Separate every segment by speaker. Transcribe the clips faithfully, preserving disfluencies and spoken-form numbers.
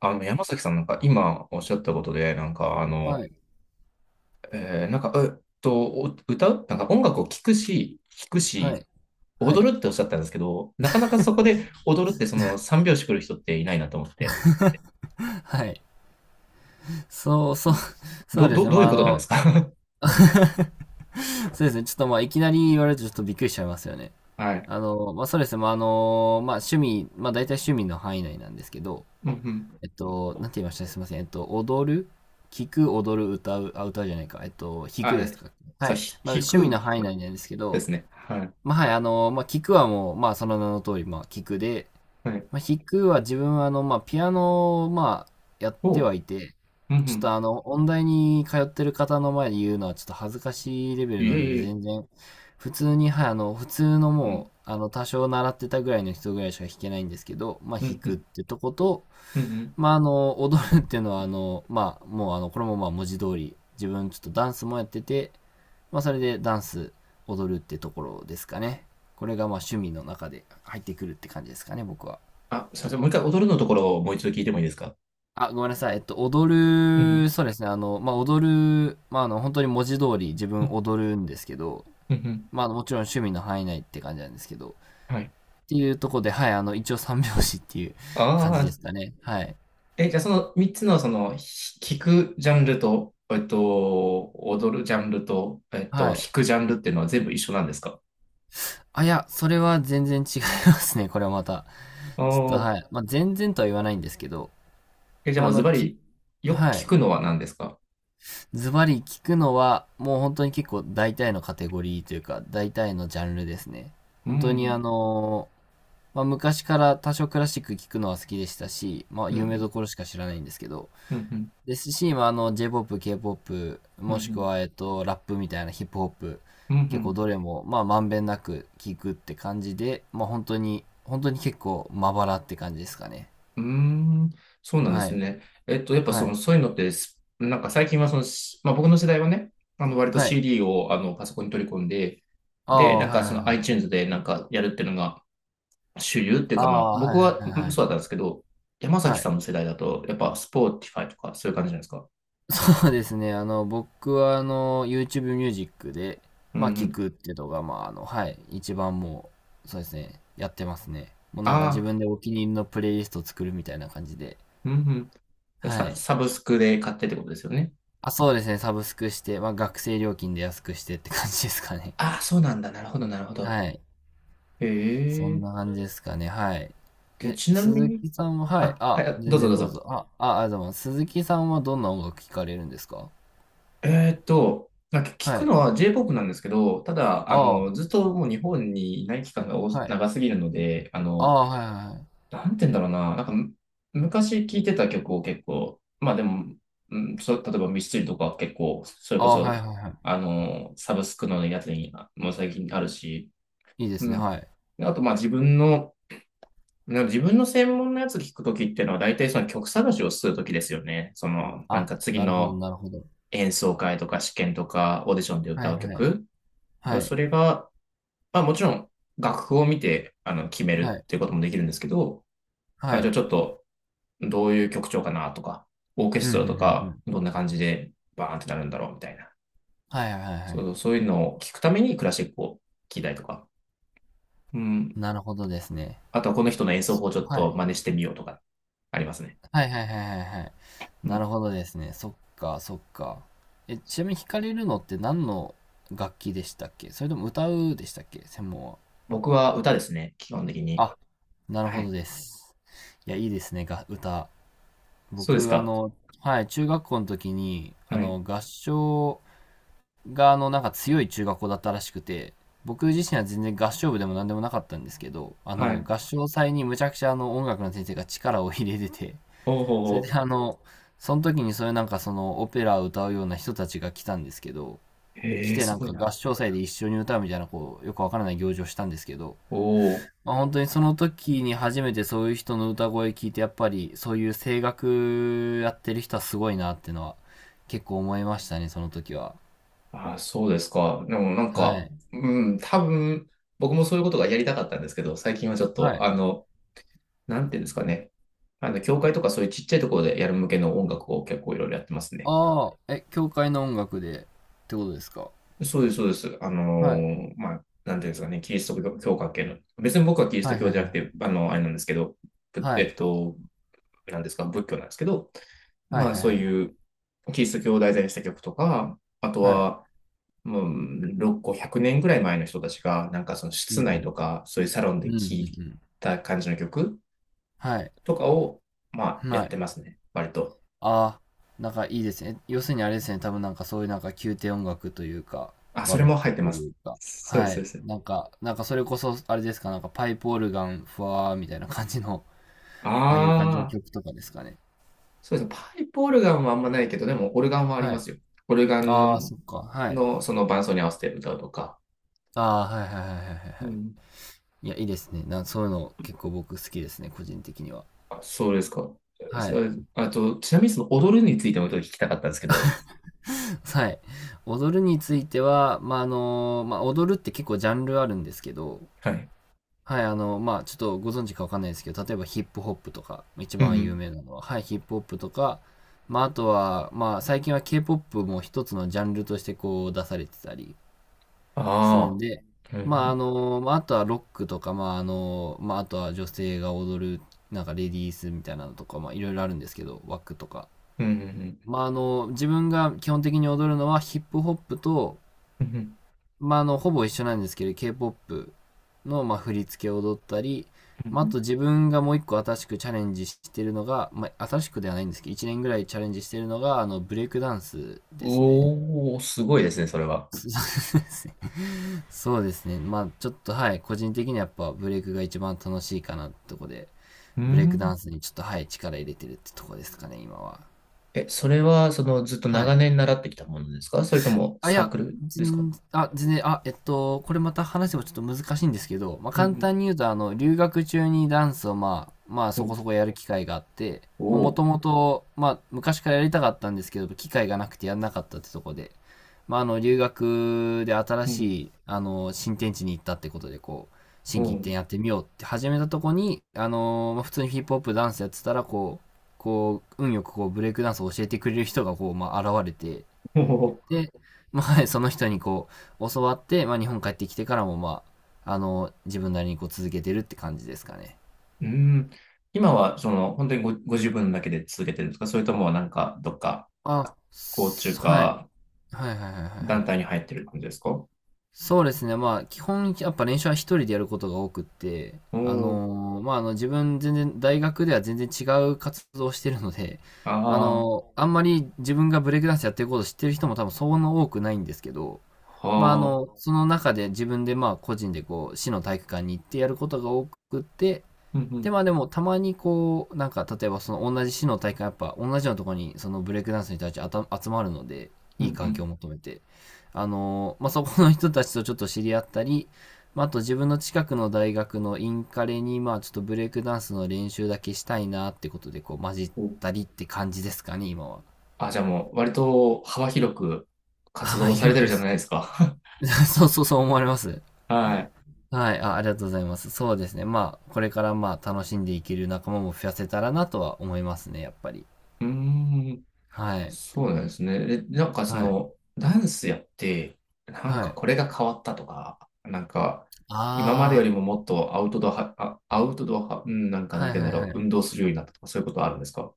Speaker 1: あの、山崎さんなんか今おっしゃったことで、なんかあの、
Speaker 2: はい、
Speaker 1: えーなんか、えっと、お歌うなんか音楽を聴くし、聴く
Speaker 2: は
Speaker 1: し、
Speaker 2: い、はい。
Speaker 1: 踊るっておっしゃったんですけど、なかなかそこで踊るってその三拍子来る人っていないなと思って。
Speaker 2: はい。そう、そう、そう
Speaker 1: ど、
Speaker 2: です
Speaker 1: ど、
Speaker 2: ね。
Speaker 1: どう
Speaker 2: ま
Speaker 1: いう
Speaker 2: あ、あ
Speaker 1: ことなんで
Speaker 2: の、
Speaker 1: すか？
Speaker 2: そうですね。ちょっとまあ、いきなり言われるとちょっとびっくりしちゃいますよね。
Speaker 1: はい。
Speaker 2: あの、まあ、そうですね。まあ、あの、まあ、趣味、まあ、大体趣味の範囲内なんですけど、
Speaker 1: うんうん。
Speaker 2: えっと、なんて言いましたすいません。えっと、踊る聞く、踊る、歌う、あ、歌うじゃないか。えっと、弾くで
Speaker 1: あ、
Speaker 2: すか。は
Speaker 1: そう、
Speaker 2: い。
Speaker 1: ひ、
Speaker 2: まあ、
Speaker 1: 弾
Speaker 2: 趣味の
Speaker 1: く
Speaker 2: 範囲内なんですけ
Speaker 1: で
Speaker 2: ど、
Speaker 1: すね。はい。
Speaker 2: まあ、はい、あの、まあ、聞くはもう、まあ、その名の通り、まあ、聞くで、
Speaker 1: はい。
Speaker 2: まあ、弾くは自分はあの、まあ、ピアノをまあ、やって
Speaker 1: お
Speaker 2: は
Speaker 1: う。ん
Speaker 2: いて、
Speaker 1: う
Speaker 2: ちょっと
Speaker 1: ん。
Speaker 2: あの、音大に通ってる方の前で言うのはちょっと恥ずかしいレベ
Speaker 1: い
Speaker 2: ル
Speaker 1: え
Speaker 2: なので、
Speaker 1: いえ。
Speaker 2: 全然、普通に、はい、あの、普通の
Speaker 1: う
Speaker 2: も
Speaker 1: ん。
Speaker 2: う、あの、多少習ってたぐらいの人ぐらいしか弾けないんですけど、まあ、
Speaker 1: う
Speaker 2: 弾
Speaker 1: んう
Speaker 2: くっ
Speaker 1: ん。
Speaker 2: てとこと、
Speaker 1: うんうん。
Speaker 2: まあ、あの、踊るっていうのは、あの、まあ、もうあの、これもまあ、文字通り、自分ちょっとダンスもやってて、まあ、それでダンス、踊るってところですかね。これがまあ、趣味の中で入ってくるって感じですかね、僕は。
Speaker 1: あ、すいません。もう一回踊るのところをもう一度聞いてもいいですか？
Speaker 2: あ、ごめんなさい。えっと、踊
Speaker 1: うんう
Speaker 2: る、
Speaker 1: ん。
Speaker 2: そうですね。あの、まあ、踊る、まあ、あの、本当に文字通り自
Speaker 1: う
Speaker 2: 分
Speaker 1: ん
Speaker 2: 踊るんですけど、
Speaker 1: うん。うん、
Speaker 2: まあ、あのもちろん趣味の範囲内って感じなんですけど、っ
Speaker 1: はい。
Speaker 2: ていうとこで、はい、あの、一応三拍子っていう感
Speaker 1: あ
Speaker 2: じで
Speaker 1: あ、
Speaker 2: すかね。はい。
Speaker 1: え、じゃあそのみっつのその、ひ聞くジャンルと、えっと、踊るジャンルと、えっと、弾
Speaker 2: はい。
Speaker 1: くジャンルっていうのは全部一緒なんですか？
Speaker 2: あ、いや、それは全然違いますね。これはまた。
Speaker 1: ああ
Speaker 2: ちょっと、
Speaker 1: ー。
Speaker 2: はい。まあ、全然とは言わないんですけど、
Speaker 1: え、じゃあ
Speaker 2: まあ、
Speaker 1: も
Speaker 2: あ
Speaker 1: うズ
Speaker 2: の、
Speaker 1: バ
Speaker 2: き、
Speaker 1: リ、よく
Speaker 2: は
Speaker 1: 聞
Speaker 2: い。
Speaker 1: くのは何ですか？
Speaker 2: ズバリ聞くのは、もう本当に結構大体のカテゴリーというか、大体のジャンルですね。
Speaker 1: う
Speaker 2: 本当にあ
Speaker 1: ん、
Speaker 2: のまあ、昔から多少クラシック聴くのは好きでしたし、まあ、
Speaker 1: うん、う
Speaker 2: 有名
Speaker 1: ん、
Speaker 2: どころしか知らないんですけど、
Speaker 1: うん、うん、
Speaker 2: ですし、まあ、あの、J-ポップ、K-ポップ、
Speaker 1: う
Speaker 2: もしく
Speaker 1: ん、
Speaker 2: は、えっと、ラップみたいなヒップホップ、
Speaker 1: うん、う
Speaker 2: 結構
Speaker 1: ん、
Speaker 2: どれも、まあ、まんべんなく聴くって感じで、まあ、本当に、本当に結構、まばらって感じですかね。
Speaker 1: うーん、そうなんで
Speaker 2: は
Speaker 1: す
Speaker 2: い。
Speaker 1: ね。えっと、やっぱ
Speaker 2: は
Speaker 1: その、
Speaker 2: い。
Speaker 1: そういうのってす、なんか最近はその、しまあ僕の世代はね、あの、割と
Speaker 2: はい。
Speaker 1: シーディー をあの、パソコンに取り込んで、
Speaker 2: あ
Speaker 1: で、
Speaker 2: あ、
Speaker 1: なん
Speaker 2: は
Speaker 1: か
Speaker 2: いは
Speaker 1: そ
Speaker 2: い
Speaker 1: の
Speaker 2: はい。
Speaker 1: iTunes でなんかやるっていうのが、主流っていう
Speaker 2: あ
Speaker 1: か、まあ、
Speaker 2: あ、
Speaker 1: 僕
Speaker 2: はいはい
Speaker 1: は
Speaker 2: はい
Speaker 1: う
Speaker 2: は
Speaker 1: ん、そうだ
Speaker 2: い。
Speaker 1: ったんですけど、山崎
Speaker 2: はい。
Speaker 1: さんの世代だと、やっぱ、スポーティファイとか、そういう感じじゃないですか。
Speaker 2: そうですね。あの、僕はあの、YouTube ミュージックで、
Speaker 1: うん
Speaker 2: まあ、
Speaker 1: う
Speaker 2: 聞
Speaker 1: ん。
Speaker 2: くっていうのが、まあ、あの、はい、一番もう、そうですね、やってますね。もうなんか自
Speaker 1: ああ、
Speaker 2: 分でお気に入りのプレイリストを作るみたいな感じで。
Speaker 1: うんうん、
Speaker 2: は
Speaker 1: サ。
Speaker 2: い。
Speaker 1: サブスクで買ってってことですよね。
Speaker 2: あ、そうですね、サブスクして、まあ、学生料金で安くしてって感じですかね。
Speaker 1: ああ、そうなんだ。なるほど、なるほ ど。
Speaker 2: はい。
Speaker 1: へ
Speaker 2: そん
Speaker 1: え。
Speaker 2: な感じですかね、はい。
Speaker 1: で、
Speaker 2: え、
Speaker 1: ちなみ
Speaker 2: 鈴
Speaker 1: に、
Speaker 2: 木さんは、はい。
Speaker 1: あ、はい、
Speaker 2: あ、
Speaker 1: あ、ど
Speaker 2: 全
Speaker 1: うぞど
Speaker 2: 然
Speaker 1: う
Speaker 2: どう
Speaker 1: ぞ。
Speaker 2: ぞ。あ、あ、あ、でも、鈴木さんはどんな音楽聴かれるんですか？
Speaker 1: えーっと、なんか聞
Speaker 2: は
Speaker 1: く
Speaker 2: い。
Speaker 1: のは J-ポップ なんですけど、ただ、あ
Speaker 2: ああ、
Speaker 1: の、ずっともう日本にいない期間が多
Speaker 2: はい。
Speaker 1: 長すぎるので、あ
Speaker 2: あ
Speaker 1: の、
Speaker 2: あ、はいはいはい。
Speaker 1: なんて言うんだろうな。なんかむ、昔聴いてた曲を結構、まあでも、うん、そう、例えばミスチルとかは結構、それ
Speaker 2: あ
Speaker 1: こ
Speaker 2: あ、はい
Speaker 1: そ、
Speaker 2: はいはい。
Speaker 1: あの、サブスクのやつにあ、もう最近あるし、
Speaker 2: いいです
Speaker 1: う
Speaker 2: ね、
Speaker 1: ん。
Speaker 2: はい。
Speaker 1: であと、まあ自分の、な自分の専門のやつ聞くときっていうのは、大体その曲探しをするときですよね。その、なん
Speaker 2: あ、
Speaker 1: か次
Speaker 2: なるほど
Speaker 1: の
Speaker 2: なるほど。
Speaker 1: 演奏会とか試験とかオーディションで
Speaker 2: は
Speaker 1: 歌
Speaker 2: い
Speaker 1: う
Speaker 2: はい。
Speaker 1: 曲。で
Speaker 2: は
Speaker 1: そ
Speaker 2: い。
Speaker 1: れが、まあもちろん楽譜を見て、あの、決め
Speaker 2: は
Speaker 1: る
Speaker 2: い。
Speaker 1: っていうこともできるんですけど、
Speaker 2: は
Speaker 1: あ、じゃ
Speaker 2: い。
Speaker 1: あちょっと、どういう曲調かなとか、オーケ
Speaker 2: ふ
Speaker 1: スト
Speaker 2: ん
Speaker 1: ラ
Speaker 2: ふん
Speaker 1: と
Speaker 2: ふんふ
Speaker 1: か、
Speaker 2: ん。
Speaker 1: どんな感じでバーンってなるんだろうみたいな。
Speaker 2: はいはいはいは
Speaker 1: そ
Speaker 2: い。
Speaker 1: う、そういうのを聞くためにクラシックを聴いたりとか。うん。
Speaker 2: なるほどですね。
Speaker 1: あとはこの人の演奏法をちょっ
Speaker 2: はい。
Speaker 1: と真似してみようとか、ありますね。
Speaker 2: はいはいはいはいはいう
Speaker 1: う
Speaker 2: んふんふんふんはいはいはいはいな
Speaker 1: ん。
Speaker 2: るほどですね。そっかそっか。え、ちなみに弾かれるのって何の楽器でしたっけ？それとも歌うでしたっけ？専門は。
Speaker 1: 僕は歌ですね、基本的に。
Speaker 2: あ、なる
Speaker 1: は
Speaker 2: ほど
Speaker 1: い。
Speaker 2: です。いや、いいですね、が歌。
Speaker 1: そうです
Speaker 2: 僕あ
Speaker 1: か。
Speaker 2: のはい、中学校の時に、あ
Speaker 1: はい。
Speaker 2: の、合唱があのなんか強い中学校だったらしくて、僕自身は全然合唱部でも何でもなかったんですけど、あ
Speaker 1: は
Speaker 2: の
Speaker 1: い。
Speaker 2: 合唱祭にむちゃくちゃあの音楽の先生が力を入れてて、
Speaker 1: お
Speaker 2: そ
Speaker 1: お
Speaker 2: れ
Speaker 1: お、
Speaker 2: であの、その時にそういうなんかそのオペラを歌うような人たちが来たんですけど、来
Speaker 1: へえ、
Speaker 2: て
Speaker 1: す
Speaker 2: なん
Speaker 1: ごい
Speaker 2: か合
Speaker 1: な。
Speaker 2: 唱祭で一緒に歌うみたいなこう、よくわからない行事をしたんですけど、
Speaker 1: おお。
Speaker 2: まあ、本当にその時に初めてそういう人の歌声聞いて、やっぱりそういう声楽やってる人はすごいなっていうのは結構思いましたね、その時は。
Speaker 1: ああ、そうですか。でもなん
Speaker 2: は
Speaker 1: か、
Speaker 2: い。
Speaker 1: うん、多分、僕もそういうことがやりたかったんですけど、最近はちょっ
Speaker 2: は
Speaker 1: と、
Speaker 2: い。
Speaker 1: あの、なんていうんですかね。あの、教会とかそういうちっちゃいところでやる向けの音楽を結構いろいろやってますね。
Speaker 2: ああ、え、教会の音楽でってことですか？
Speaker 1: そうです、そうです。あの
Speaker 2: はい。
Speaker 1: ー、まあ、なんていうんですかね、キリスト教教会系の。別に僕はキリス
Speaker 2: は
Speaker 1: ト
Speaker 2: い
Speaker 1: 教
Speaker 2: はい
Speaker 1: じゃ
Speaker 2: は
Speaker 1: なくて、
Speaker 2: い。
Speaker 1: あの、あれなんですけど、ぶ
Speaker 2: は
Speaker 1: え
Speaker 2: い。
Speaker 1: っと、なんですか、仏教なんですけど、
Speaker 2: はい
Speaker 1: まあ、
Speaker 2: はい
Speaker 1: そ
Speaker 2: は
Speaker 1: う
Speaker 2: い。
Speaker 1: いうキリスト教を題材にした曲とか、あと
Speaker 2: はい。
Speaker 1: は、もう、ろっこ、ゼロ ゼロねんぐらい前の人たちが、なんかその
Speaker 2: う
Speaker 1: 室内
Speaker 2: ん
Speaker 1: とか、そういうサロン
Speaker 2: う
Speaker 1: で
Speaker 2: ん。うんう
Speaker 1: 聴い
Speaker 2: んうん。
Speaker 1: た感じの曲
Speaker 2: はい。
Speaker 1: とかを、まあ、や
Speaker 2: は
Speaker 1: って
Speaker 2: い。
Speaker 1: ますね、割と。
Speaker 2: ああ、なんかいいですね。要するにあれですね。多分なんかそういうなんか宮廷音楽というか、
Speaker 1: あ、
Speaker 2: バ
Speaker 1: それ
Speaker 2: ロッ
Speaker 1: も入
Speaker 2: ク
Speaker 1: って
Speaker 2: と
Speaker 1: ま
Speaker 2: い
Speaker 1: す。
Speaker 2: うか。
Speaker 1: そうで
Speaker 2: は
Speaker 1: す、そう
Speaker 2: い。
Speaker 1: です。
Speaker 2: なんか、なんかそれこそあれですか。なんかパイプオルガン、ふわーみたいな感じの、ああいう感じの
Speaker 1: ああ、
Speaker 2: 曲とかですかね。
Speaker 1: そうですね。パイプオルガンはあんまないけど、でもオルガンはあり
Speaker 2: は
Speaker 1: ま
Speaker 2: い。
Speaker 1: すよ。オルガ
Speaker 2: ああ、
Speaker 1: ン
Speaker 2: そっか。はい。
Speaker 1: のその伴奏に合わせて歌うとか。
Speaker 2: ああ、はいはいはいはいはい
Speaker 1: う
Speaker 2: はい。
Speaker 1: ん。
Speaker 2: いや、いいですね。な、そういうの結構僕好きですね。個人的には。
Speaker 1: あ、そうですか。
Speaker 2: は
Speaker 1: す
Speaker 2: い。
Speaker 1: ああと、ちなみにその踊るについてもちょっと聞きたかったんですけど。
Speaker 2: はい。踊るについては、まあ、あの、まあ、踊るって結構ジャンルあるんですけど、
Speaker 1: はい。
Speaker 2: はい、あの、まあ、ちょっとご存知かわかんないですけど、例えばヒップホップとか、一
Speaker 1: うんう
Speaker 2: 番有
Speaker 1: ん。
Speaker 2: 名なのは、はい、ヒップホップとか、まあ、あとは、まあ、最近は K-ポップ も一つのジャンルとしてこう出されてたりするん
Speaker 1: あ
Speaker 2: で、
Speaker 1: あ、う
Speaker 2: まあ、あ
Speaker 1: ん、
Speaker 2: の、まあ、あとはロックとか、まあ、あの、まあ、あとは女性が踊る、なんかレディースみたいなのとか、まあ、いろいろあるんですけど、ワックとか。
Speaker 1: うん、うん、うん。
Speaker 2: まあ、あの、自分が基本的に踊るのはヒップホップと、
Speaker 1: うん
Speaker 2: まあ、あの、ほぼ一緒なんですけど、K-ポップ の、まあ、振り付けを踊ったり、
Speaker 1: うん
Speaker 2: まあ、
Speaker 1: う
Speaker 2: あ
Speaker 1: ん、
Speaker 2: と自分がもう一個新しくチャレンジしてるのが、まあ、新しくではないんですけど、いちねんぐらいチャレンジしてるのが、あの、ブレイクダンスですね。
Speaker 1: おおー、すごいですね、それは。
Speaker 2: そうですね。そうですね。まあ、ちょっと、はい、個人的にはやっぱブレイクが一番楽しいかなってとこで、
Speaker 1: う
Speaker 2: ブレイクダ
Speaker 1: ん。
Speaker 2: ンスにちょっと、はい、力入れてるってとこですかね、今は。
Speaker 1: え、それは、その、ずっと
Speaker 2: は
Speaker 1: 長
Speaker 2: い。
Speaker 1: 年習ってきたものですか？それとも
Speaker 2: あ、い
Speaker 1: サー
Speaker 2: や、
Speaker 1: クルですか？
Speaker 2: 全あ、全然、あ、えっと、これまた話せばちょっと難しいんですけど、まあ、
Speaker 1: う
Speaker 2: 簡
Speaker 1: ん
Speaker 2: 単に言うと、あの、留学中にダンスを、まあ、まあ、
Speaker 1: う
Speaker 2: そこ
Speaker 1: ん。
Speaker 2: そこやる機会があって、
Speaker 1: お
Speaker 2: もと
Speaker 1: お、
Speaker 2: もと、まあ、昔からやりたかったんですけど、機会がなくてやんなかったってとこで、まあ、あの、留学で新
Speaker 1: うん、
Speaker 2: しい、あの、新天地に行ったってことで、こう、
Speaker 1: う
Speaker 2: 新規一転
Speaker 1: ん、
Speaker 2: やってみようって始めたとこに、あのーまあ普通にヒップホップダンスやってたら、こう、こう、運よくこう、ブレイクダンスを教えてくれる人が、こう、まあ、現れて、
Speaker 1: おー、
Speaker 2: で、まあ、その人にこう、教わって、まあ、日本帰ってきてからも、まあ、あの、自分なりにこう続けてるって感じですかね。
Speaker 1: うん。今は、その、本当にご、ご自分だけで続けてるんですか？それとも、なんか、どっか、
Speaker 2: あ、
Speaker 1: 校中
Speaker 2: すはい。
Speaker 1: か、
Speaker 2: はいはいはいはいは
Speaker 1: 団
Speaker 2: い。
Speaker 1: 体に入ってる感じですか？お
Speaker 2: そうですね。まあ、基本、やっぱ練習は一人でやることが多くって、
Speaker 1: お
Speaker 2: あ
Speaker 1: ー、
Speaker 2: のーまあ、あの、自分全然、大学では全然違う活動をしてるので、あ
Speaker 1: ああ、
Speaker 2: のーあんまり自分がブレイクダンスやってることを知ってる人も多分そんな多くないんですけど、
Speaker 1: は
Speaker 2: まあ、あ
Speaker 1: あ、
Speaker 2: の、その中で自分でまあ、個人でこう、市の体育館に行ってやることが多くって、
Speaker 1: うん、う
Speaker 2: で、
Speaker 1: ん、
Speaker 2: まあでも、たまにこう、なんか、例えばその同じ市の大会、やっぱ同じようなところに、そのブレイクダンスの人たちあた集まるので、
Speaker 1: う
Speaker 2: いい環境
Speaker 1: ん、
Speaker 2: を求めて、あのーまあそこの人たちとちょっと知り合ったり、まああと自分の近くの大学のインカレに、まあちょっとブレイクダンスの練習だけしたいなってことで、こう、混じっ
Speaker 1: うん。
Speaker 2: た
Speaker 1: お、
Speaker 2: りって感じですかね、今は。
Speaker 1: あ、じゃあもう、割と幅広く活
Speaker 2: あ、ま
Speaker 1: 動さ
Speaker 2: あ
Speaker 1: れ
Speaker 2: よ
Speaker 1: てる
Speaker 2: く
Speaker 1: じゃ
Speaker 2: す、
Speaker 1: ないですか。
Speaker 2: そうそうそう思われます。
Speaker 1: はい。
Speaker 2: はい、あ、ありがとうございます。そうですね。まあ、これからまあ、楽しんでいける仲間も増やせたらなとは思いますね、やっぱり。
Speaker 1: うーん。
Speaker 2: はい。
Speaker 1: そうなんですね。え、なんかそ
Speaker 2: はい。
Speaker 1: の、ダンスやって、なん
Speaker 2: は
Speaker 1: か
Speaker 2: い。
Speaker 1: これが変わったとか、なんか、今までよ
Speaker 2: あ
Speaker 1: りももっとアウトドアは、あ、アウトドア派、うん、なん
Speaker 2: あ、
Speaker 1: かな
Speaker 2: は
Speaker 1: んて
Speaker 2: い
Speaker 1: 言
Speaker 2: は
Speaker 1: うん
Speaker 2: い
Speaker 1: だろ
Speaker 2: は
Speaker 1: う、運
Speaker 2: い。
Speaker 1: 動するようになったとか、そういうことはあるんですか？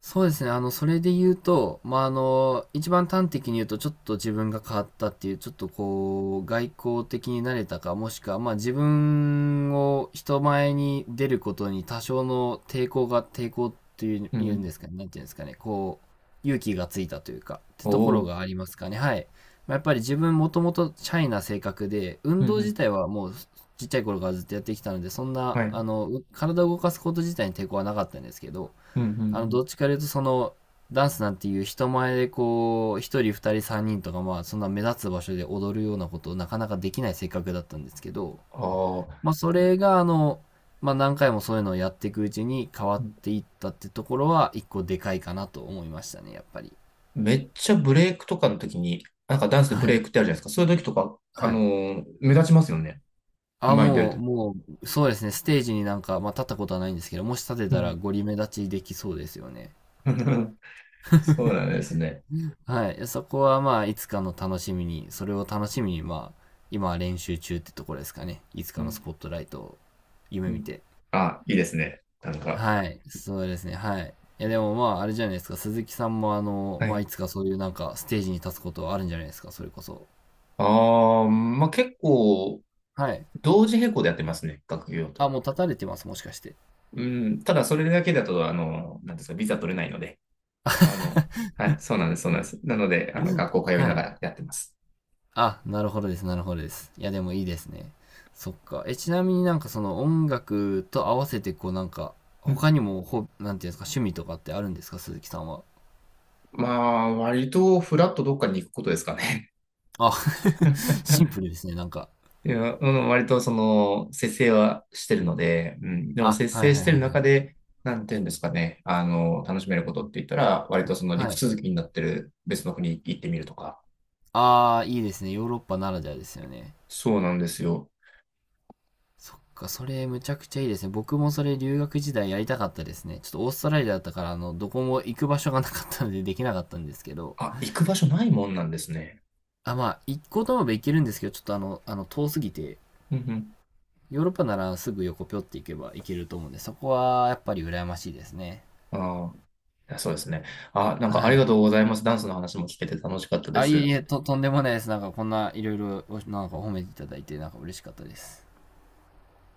Speaker 2: そうですね。あの、それで言うと、まあ、あの、一番端的に言うと、ちょっと自分が変わったっていう、ちょっとこう、外交的になれたか、もしくは、まあ、自分を人前に出ることに多少の抵抗が、抵抗っていう、
Speaker 1: う
Speaker 2: 言うん
Speaker 1: ん。
Speaker 2: ですかね。なんていうんですかね。こう、勇気がついたというか、って
Speaker 1: お
Speaker 2: とこ
Speaker 1: お
Speaker 2: ろ
Speaker 1: ー、
Speaker 2: がありますかね。はい。まあ、やっぱり自分もともとシャイな性格で、
Speaker 1: う
Speaker 2: 運
Speaker 1: ん
Speaker 2: 動
Speaker 1: う
Speaker 2: 自
Speaker 1: ん。
Speaker 2: 体はもう、ちっちゃい頃からずっとやってきたので、そんな、
Speaker 1: はい。う
Speaker 2: あ
Speaker 1: ん
Speaker 2: の、体を動かすこと自体に抵抗はなかったんですけど、
Speaker 1: うんう
Speaker 2: あの、
Speaker 1: ん、
Speaker 2: どっちかというとその、ダンスなんていう人前でこう、一人二人三人とかまあ、そんな目立つ場所で踊るようなことをなかなかできない性格だったんですけど、
Speaker 1: ああ、
Speaker 2: まあそれがあの、まあ何回もそういうのをやっていくうちに変わっていったってところは一個でかいかなと思いましたね、やっぱり。
Speaker 1: めっちゃブレイクとかの時に、なんかダンスでブ
Speaker 2: は
Speaker 1: レ
Speaker 2: い。
Speaker 1: イクってあるじゃないですか。そういう時とか、あ
Speaker 2: は
Speaker 1: の
Speaker 2: い。
Speaker 1: ー目立ちますよね。
Speaker 2: あ、
Speaker 1: 前に出る
Speaker 2: もう、
Speaker 1: と。
Speaker 2: もう、そうですね、ステージになんか、まあ立ったことはないんですけど、もし立て
Speaker 1: う
Speaker 2: たら
Speaker 1: ん。
Speaker 2: ゴリ目立ちできそうですよね。
Speaker 1: そうなんですね。
Speaker 2: はい。そこはまあ、いつかの楽しみに、それを楽しみに、まあ、今は練習中ってところですかね。いつ
Speaker 1: う
Speaker 2: かのス
Speaker 1: ん、
Speaker 2: ポットライトを
Speaker 1: う
Speaker 2: 夢見
Speaker 1: ん。
Speaker 2: て。
Speaker 1: あ、いいですね。なんか。
Speaker 2: はい。そうですね。はい。いや、でもまあ、あれじゃないですか。鈴木さんもあの、
Speaker 1: は
Speaker 2: まあ、
Speaker 1: い。
Speaker 2: いつかそういうなんか、ステージに立つことはあるんじゃないですか。それこそ。
Speaker 1: ああ、まあ、結構、
Speaker 2: はい。
Speaker 1: 同時並行でやってますね、学業
Speaker 2: あ、
Speaker 1: と。
Speaker 2: もう立たれてます。もしかして。
Speaker 1: うん、ただ、それだけだと、あの、なんですか、ビザ取れないので、あの、はい、そうなんです、そうなんです。なので、あの、学校通い
Speaker 2: は
Speaker 1: なが
Speaker 2: い。
Speaker 1: らやってます。
Speaker 2: あ、なるほどです。なるほどです。いや、でもいいですね。そっか。え、ちなみになんかその音楽と合わせて、こうなんか、
Speaker 1: うん。
Speaker 2: 他にも、ほ、なんていうんですか、趣味とかってあるんですか、鈴木さんは。
Speaker 1: まあ、割と、フラットどっかに行くことですかね。
Speaker 2: あ、シンプルですね、なんか。
Speaker 1: いや、うん、割と、その、節制はしてるので、うん、でも、
Speaker 2: あ、
Speaker 1: 節
Speaker 2: はい
Speaker 1: 制
Speaker 2: は
Speaker 1: し
Speaker 2: いは
Speaker 1: て
Speaker 2: い
Speaker 1: る
Speaker 2: は
Speaker 1: 中
Speaker 2: い。
Speaker 1: で、なんていうんですかね、あの、楽しめることって言ったら、割とその
Speaker 2: は
Speaker 1: 陸
Speaker 2: い。
Speaker 1: 続きになってる別の国行ってみるとか。
Speaker 2: ああ、いいですね。ヨーロッパならではですよね。
Speaker 1: そうなんですよ。
Speaker 2: そっか、それむちゃくちゃいいですね。僕もそれ留学時代やりたかったですね。ちょっとオーストラリアだったから、あの、どこも行く場所がなかったのでできなかったんですけど。
Speaker 1: あ、行く場所ないもんなんですね。
Speaker 2: あ、まあ、行こうと思えば行けるんですけど、ちょっとあの、あの、遠すぎて、
Speaker 1: うん
Speaker 2: ヨーロッパならすぐ横ぴょって行けば行けると思うんで、そこはやっぱり羨ましいですね。
Speaker 1: うん。ああ、いや、そうですね。あ、なんか
Speaker 2: は
Speaker 1: ありが
Speaker 2: い。
Speaker 1: とうございます。ダンスの話も聞けて楽しかったで
Speaker 2: あ、いえ
Speaker 1: す。
Speaker 2: いえ、と、とんでもないです。なんかこんないろいろ、なんか褒めていただいて、なんか嬉しかったです。